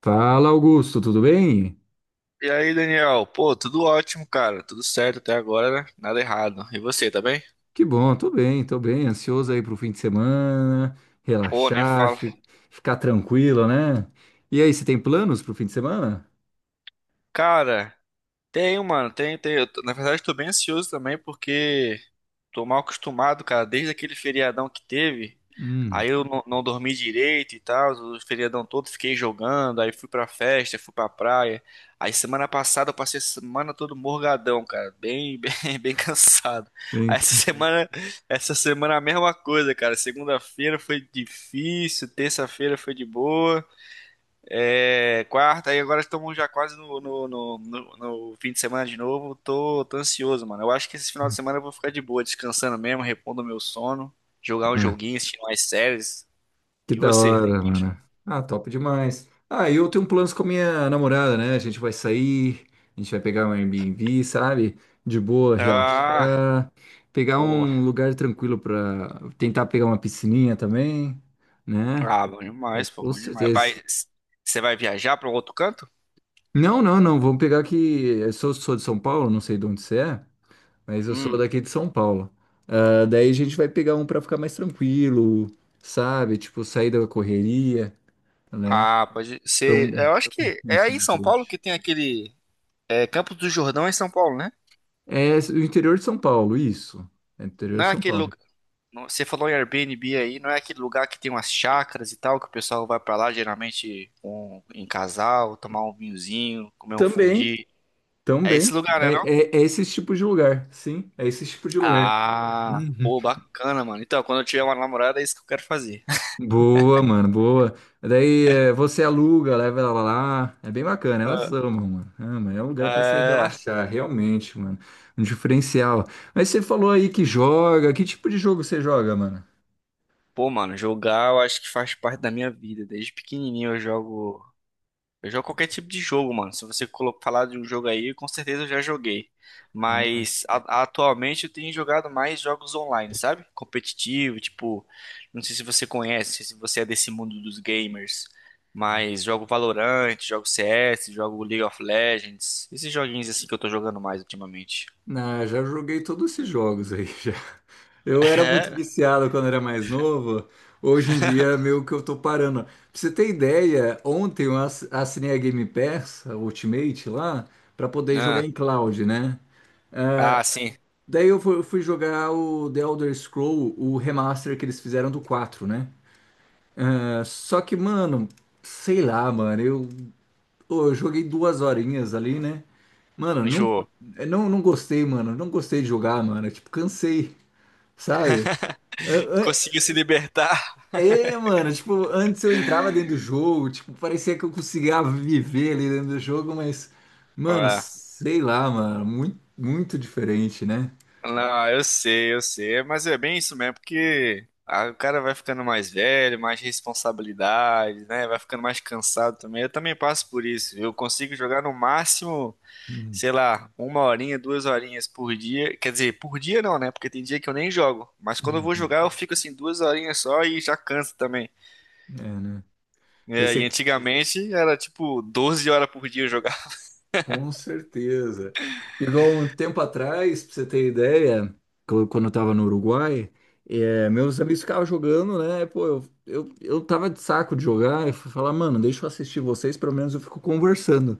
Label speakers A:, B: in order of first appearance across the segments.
A: Fala, Augusto, tudo bem?
B: E aí, Daniel? Pô, tudo ótimo, cara. Tudo certo até agora, né? Nada errado. E você, tá bem?
A: Que bom, tô bem, tô bem. Ansioso aí pro fim de semana,
B: Pô, nem
A: relaxar,
B: fala.
A: ficar tranquilo, né? E aí, você tem planos pro fim de semana?
B: Cara, tenho, mano. Tenho, tenho. Na verdade, tô bem ansioso também porque tô mal acostumado, cara, desde aquele feriadão que teve.
A: Hum,
B: Aí eu não, não dormi direito e tal, o feriadão todo fiquei jogando, aí fui pra festa, fui pra praia. Aí semana passada eu passei a semana todo morgadão, cara, bem, bem, bem cansado.
A: vem
B: Aí
A: cá.
B: essa semana a mesma coisa, cara. Segunda-feira foi difícil, terça-feira foi de boa. É, quarta, e agora estamos já quase no fim de semana de novo. Tô ansioso, mano. Eu acho que esse final de semana eu vou ficar de boa, descansando mesmo, repondo meu sono, jogar um
A: Ah,
B: joguinho, assistir mais séries.
A: que
B: E
A: da
B: você? Tem
A: hora,
B: plano?
A: mano. Ah, top demais. Ah, eu tenho planos com a minha namorada, né? A gente vai sair, a gente vai pegar um Airbnb, sabe? De boa,
B: Ah,
A: relaxar, pegar
B: pô.
A: um lugar tranquilo pra tentar pegar uma piscininha também, né?
B: Ah, bom
A: É,
B: demais, pô,
A: com
B: bom demais. Vai,
A: certeza.
B: você vai viajar para outro canto?
A: Não, não, não. Vamos pegar que eu sou de São Paulo, não sei de onde você é, mas eu sou
B: Hum.
A: daqui de São Paulo. Ah, daí a gente vai pegar um pra ficar mais tranquilo, sabe? Tipo, sair da correria, né?
B: Ah, pode
A: Pra
B: ser.
A: um
B: Eu acho que é
A: ambiente
B: aí em São Paulo que
A: diferente.
B: tem aquele Campos do Jordão é em São Paulo, né?
A: É o interior de São Paulo, isso. É o interior
B: Não
A: de
B: é
A: São
B: aquele.
A: Paulo.
B: Você falou em Airbnb aí, não é aquele lugar que tem umas chácaras e tal, que o pessoal vai pra lá geralmente com- em casal, tomar um vinhozinho, comer um
A: Também,
B: fundi. É esse
A: também.
B: lugar,
A: É,
B: né, não?
A: é esse tipo de lugar, sim. É esse tipo de lugar.
B: Ah,
A: Uhum.
B: pô, bacana, mano. Então, quando eu tiver uma namorada, é isso que eu quero fazer.
A: Boa, mano, boa. Daí você aluga, leva ela lá. É bem bacana, elas amam, mano. Ama, é um
B: É,
A: lugar pra se
B: é.
A: relaxar, realmente, mano. Um diferencial. Mas você falou aí que joga. Que tipo de jogo você joga, mano?
B: Pô, mano, jogar eu acho que faz parte da minha vida. Desde pequenininho eu jogo. Eu jogo qualquer tipo de jogo, mano. Se você falar de um jogo aí, com certeza eu já joguei.
A: Ah,
B: Mas atualmente eu tenho jogado mais jogos online, sabe? Competitivo, tipo, não sei se você conhece, se você é desse mundo dos gamers, mas jogo Valorant, jogo CS, jogo League of Legends, esses joguinhos assim que eu tô jogando mais ultimamente.
A: não, já joguei todos esses jogos aí, já. Eu era muito viciado quando era mais novo. Hoje em dia, meio que eu tô parando. Pra você ter ideia, ontem eu assinei a Game Pass, a Ultimate lá, pra poder
B: É?
A: jogar
B: Ah,
A: em cloud, né?
B: ah, sim,
A: Daí eu fui jogar o The Elder Scroll, o remaster que eles fizeram do quatro, né? É, só que, mano, sei lá, mano, eu, ô, eu joguei 2 horinhas ali, né? Mano, não,
B: enjoou.
A: eu não gostei, mano, não gostei de jogar, mano, tipo, cansei, sabe? É,
B: Conseguiu se libertar?
A: é, mano, tipo, antes eu entrava dentro do jogo, tipo, parecia que eu conseguia viver ali dentro do jogo, mas, mano,
B: Ah.
A: sei lá, mano, muito, muito diferente, né?
B: Não, eu sei, mas é bem isso mesmo, porque ah, o cara vai ficando mais velho, mais responsabilidades, né? Vai ficando mais cansado também. Eu também passo por isso. Eu consigo jogar no máximo,
A: Hum,
B: sei lá, uma horinha, duas horinhas por dia. Quer dizer, por dia não, né? Porque tem dia que eu nem jogo. Mas quando eu vou
A: hum.
B: jogar, eu fico assim duas horinhas só e já canso também.
A: É, né? Daí
B: É, e
A: você
B: antigamente era tipo 12 horas por dia eu jogar.
A: Com certeza. Igual um tempo atrás, pra você ter ideia, quando eu tava no Uruguai, meus amigos ficavam jogando, né? Pô, eu tava de saco de jogar, eu fui falar, mano, deixa eu assistir vocês, pelo menos eu fico conversando,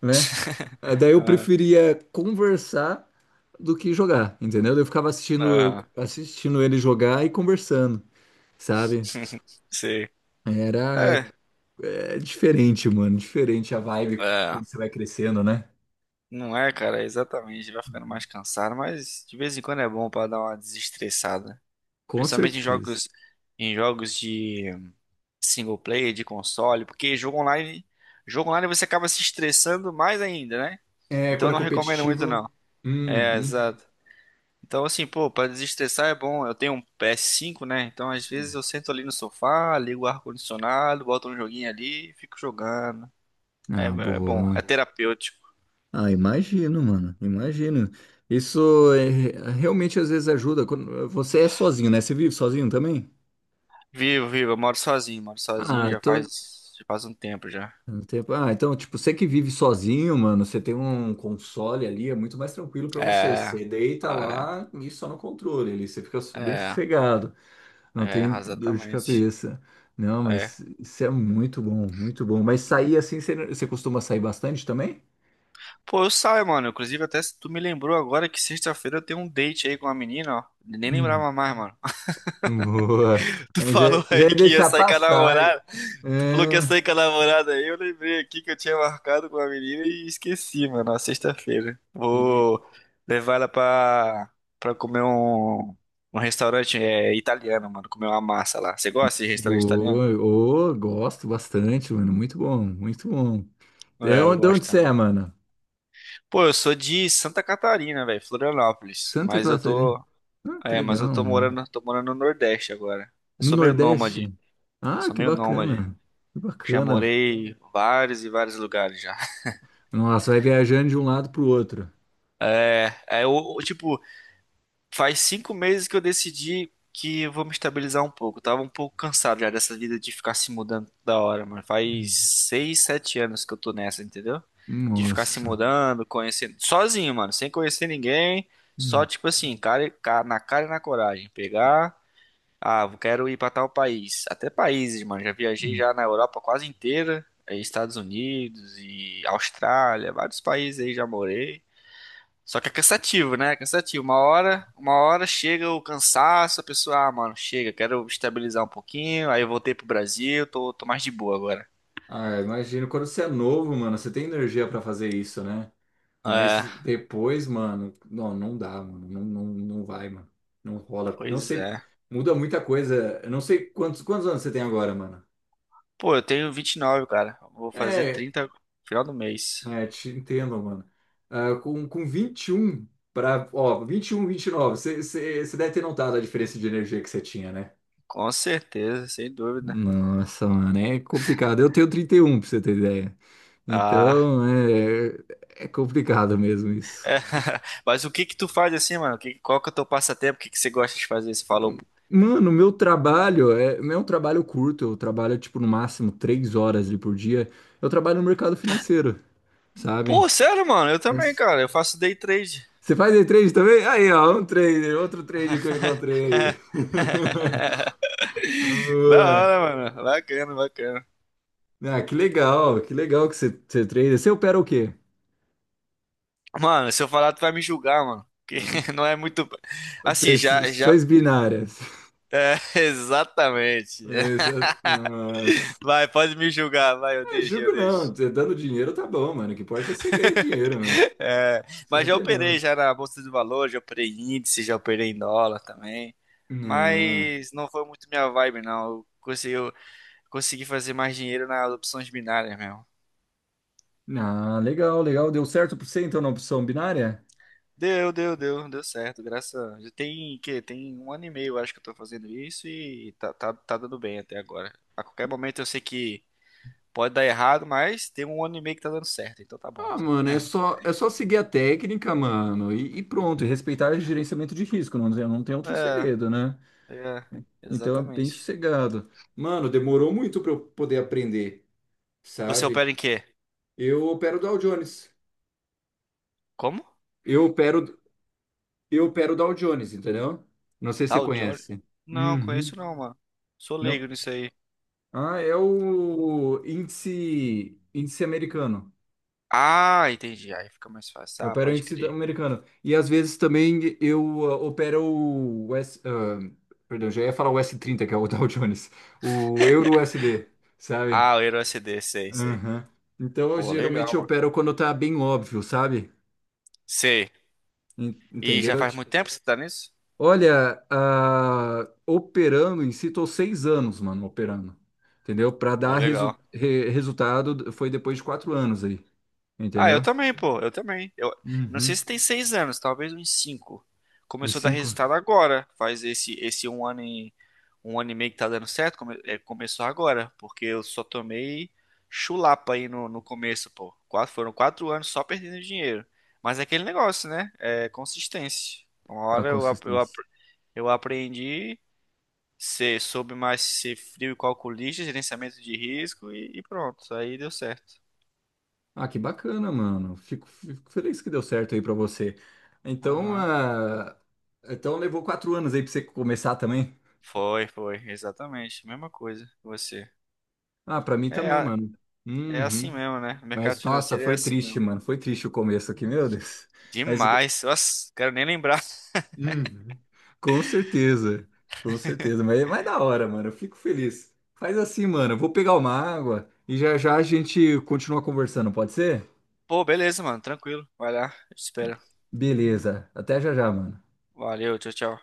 A: né? Daí eu preferia conversar do que jogar, entendeu? Eu ficava assistindo,
B: Ah, ah,
A: assistindo ele jogar e conversando, sabe?
B: sei.
A: Era,
B: É.
A: é diferente, mano, diferente a vibe
B: É.
A: quando você vai crescendo, né?
B: Não é, cara, exatamente. Vai ficando mais cansado, mas de vez em quando é bom pra dar uma desestressada.
A: Com
B: Principalmente
A: certeza.
B: em jogos de single player, de console, porque jogo online você acaba se estressando mais ainda, né?
A: É,
B: Então
A: quando
B: eu
A: é
B: não recomendo muito não.
A: competitivo.
B: É,
A: Uhum.
B: exato. Então assim, pô, pra desestressar é bom. Eu tenho um PS5, né? Então às vezes
A: Sim.
B: eu sento ali no sofá, ligo o ar-condicionado, boto um joguinho ali, e fico jogando. É,
A: Ah,
B: é bom, é
A: boa.
B: terapêutico.
A: Ah, imagino, mano. Imagino. Isso é, realmente às vezes ajuda. Quando, você é sozinho, né? Você vive sozinho também?
B: Vivo, vivo, eu moro sozinho
A: Ah,
B: já
A: então.
B: faz, já faz um tempo já.
A: Ah, então, tipo, você que vive sozinho, mano, você tem um console ali, é muito mais tranquilo pra você.
B: É,
A: Você deita
B: é,
A: lá e só no controle ali, você fica bem
B: é,
A: sossegado, não
B: é,
A: tem dor de
B: exatamente.
A: cabeça. Não,
B: É.
A: mas isso é muito bom, muito bom. Mas sair assim, você costuma sair bastante também?
B: Pô, eu saio, mano. Inclusive, até se tu me lembrou agora que sexta-feira eu tenho um date aí com uma menina, ó. Nem
A: Hum,
B: lembrava mais, mano.
A: boa.
B: Tu
A: Mas já,
B: falou
A: já
B: aí
A: ia
B: que ia
A: deixar
B: sair com a
A: passar. É,
B: namorada. Tu falou que ia sair com a namorada aí. Eu lembrei aqui que eu tinha marcado com a menina e esqueci, mano. Na sexta-feira.
A: e-
B: Vou levar ela pra comer um restaurante italiano, mano. Comer uma massa lá. Você gosta de restaurante italiano?
A: boa. Ô, gosto bastante, mano. Muito bom, muito bom. É
B: É, eu
A: onde, de onde
B: gosto
A: você
B: também.
A: é, mano?
B: Pô, eu sou de Santa Catarina, velho, Florianópolis,
A: Santa Catarina. Ah, que legal,
B: mas eu tô
A: mano.
B: morando, tô morando no Nordeste agora. Eu
A: No
B: sou meio nômade,
A: Nordeste? Ah,
B: sou
A: que
B: meio nômade.
A: bacana. Que
B: Já
A: bacana.
B: morei em vários e vários lugares já.
A: Nossa, vai viajando de um lado pro outro.
B: É eu, tipo, faz 5 meses que eu decidi que eu vou me estabilizar um pouco. Eu tava um pouco cansado já dessa vida de ficar se mudando da hora, mano. Faz
A: Hum.
B: 6, 7 anos que eu tô nessa, entendeu? De ficar se
A: Nossa.
B: mudando, conhecendo, sozinho, mano, sem conhecer ninguém. Só,
A: Hum,
B: tipo assim, cara, na cara e na coragem. Pegar, ah, eu quero ir pra tal país. Até países, mano. Já viajei
A: hum.
B: já na Europa quase inteira. Aí Estados Unidos e Austrália, vários países aí já morei. Só que é cansativo, né? É cansativo. Uma hora chega o cansaço, a pessoa, ah, mano, chega, quero estabilizar um pouquinho. Aí eu voltei pro Brasil, tô mais de boa agora.
A: Ah, imagino, quando você é novo, mano, você tem energia pra fazer isso, né?
B: É,
A: Mas depois, mano, não, não dá, mano, não, não, não vai, mano, não rola. Não
B: pois
A: sei,
B: é.
A: muda muita coisa. Eu não sei quantos anos você tem agora, mano.
B: Pô, eu tenho 29, cara. Vou fazer
A: É,
B: 30 no final do mês.
A: é, te entendo, mano. Ah, com 21 pra, ó, 21, 29. Você deve ter notado a diferença de energia que você tinha, né?
B: Com certeza, sem dúvida.
A: Nossa, mano, é complicado. Eu tenho 31, pra você ter ideia.
B: Ah,
A: Então, é, é complicado mesmo isso.
B: é. Mas o que que tu faz assim, mano? Qual que é o teu passatempo? O que que você gosta de fazer? Você falou,
A: Mano, meu trabalho é, não é um trabalho curto. Eu trabalho, tipo, no máximo 3 horas ali por dia. Eu trabalho no mercado financeiro, sabe?
B: pô, sério, mano, eu também,
A: Mas-
B: cara. Eu faço day trade.
A: Você faz day trade também? Aí, ó, um trader, outro trader que eu encontrei aí.
B: Da
A: Boa.
B: hora, mano. Bacana, bacana.
A: Ah, que legal, que legal que você trader. Você opera o quê?
B: Mano, se eu falar, tu vai me julgar, mano. Que não é muito. Assim, já, já.
A: Operações binárias.
B: É, exatamente.
A: Mas, é, nossa.
B: Vai, pode me julgar, vai, eu
A: É,
B: deixo, eu
A: jogo
B: deixo.
A: não. Cê dando dinheiro tá bom, mano. O que importa é você ganhar dinheiro, mano.
B: É,
A: Isso
B: mas
A: não
B: já
A: tem
B: operei
A: nada.
B: já na Bolsa de Valores, já operei em índice, já operei em dólar também.
A: Ah,
B: Mas não foi muito minha vibe, não. Eu consegui fazer mais dinheiro nas opções binárias mesmo.
A: ah, legal, legal. Deu certo pra você, então, na opção binária?
B: Deu certo, graças a... Tem um ano e meio, eu acho que eu tô fazendo isso e tá dando bem até agora. A qualquer momento eu sei que pode dar errado, mas tem um ano e meio que tá dando certo, então tá bom.
A: Ah, mano, é só seguir a técnica, mano, e pronto. E respeitar o gerenciamento de risco, não tem, não tem outro
B: É,
A: segredo, né?
B: é,
A: Então é bem
B: exatamente.
A: sossegado. Mano, demorou muito pra eu poder aprender,
B: Você
A: sabe?
B: opera em quê?
A: Eu opero Dow Jones.
B: Como?
A: Eu opero, Eu opero o Dow Jones, entendeu? Não sei se você
B: Tal Johnny?
A: conhece.
B: Não,
A: Uhum.
B: conheço não, mano. Sou
A: Não.
B: leigo nisso aí.
A: Ah, é o índice, índice americano.
B: Ah, entendi. Aí fica mais fácil.
A: Eu
B: Ah,
A: opero o
B: pode crer.
A: americano. E às vezes também eu opero o S, perdão, já ia falar o s trinta que é o Dow Jones. O Euro USD, sabe?
B: Ah, o Hero SD, sei, sei.
A: Uhum. Então,
B: Pô,
A: geralmente
B: legal,
A: eu
B: mano.
A: opero quando tá bem óbvio, sabe?
B: Sei. E já
A: Entendeu?
B: faz muito tempo que você tá nisso?
A: Olha, operando em si, tô 6 anos, mano, operando. Entendeu? Para
B: Pô,
A: dar
B: legal.
A: resultado foi depois de 4 anos aí,
B: Ah, eu
A: entendeu?
B: também, pô, eu também. Eu não
A: Uhum.
B: sei se tem 6 anos, talvez uns cinco.
A: Em
B: Começou a dar
A: cinco,
B: resultado agora. Faz esse um ano e meio que tá dando certo. Começou agora, porque eu só tomei chulapa aí no começo, pô. Quatro, foram 4 anos só perdendo dinheiro. Mas é aquele negócio, né? É consistência. Uma
A: a
B: hora eu, ap- eu, ap-
A: consistência.
B: eu aprendi, soube mais ser frio e calculista, gerenciamento de risco e pronto. Aí deu certo.
A: Ah, que bacana, mano. Fico feliz que deu certo aí pra você. Então,
B: Aham.
A: então levou 4 anos aí pra você começar também?
B: Foi, foi, exatamente. Mesma coisa que você.
A: Ah, pra mim
B: É,
A: também,
B: a-
A: mano.
B: é assim
A: Uhum.
B: mesmo, né? O mercado
A: Mas, nossa,
B: financeiro é
A: foi
B: assim
A: triste,
B: mesmo.
A: mano. Foi triste o começo aqui, meu Deus. Mas
B: Demais. Nossa, quero nem lembrar.
A: Uhum. Com certeza, com certeza, mas é mais da hora, mano. Eu fico feliz. Faz assim, mano. Eu vou pegar uma água e já já a gente continua conversando, pode ser?
B: Pô, beleza, mano. Tranquilo. Vai lá. Eu te espero.
A: Beleza. Até já já, mano.
B: Valeu, tchau, tchau.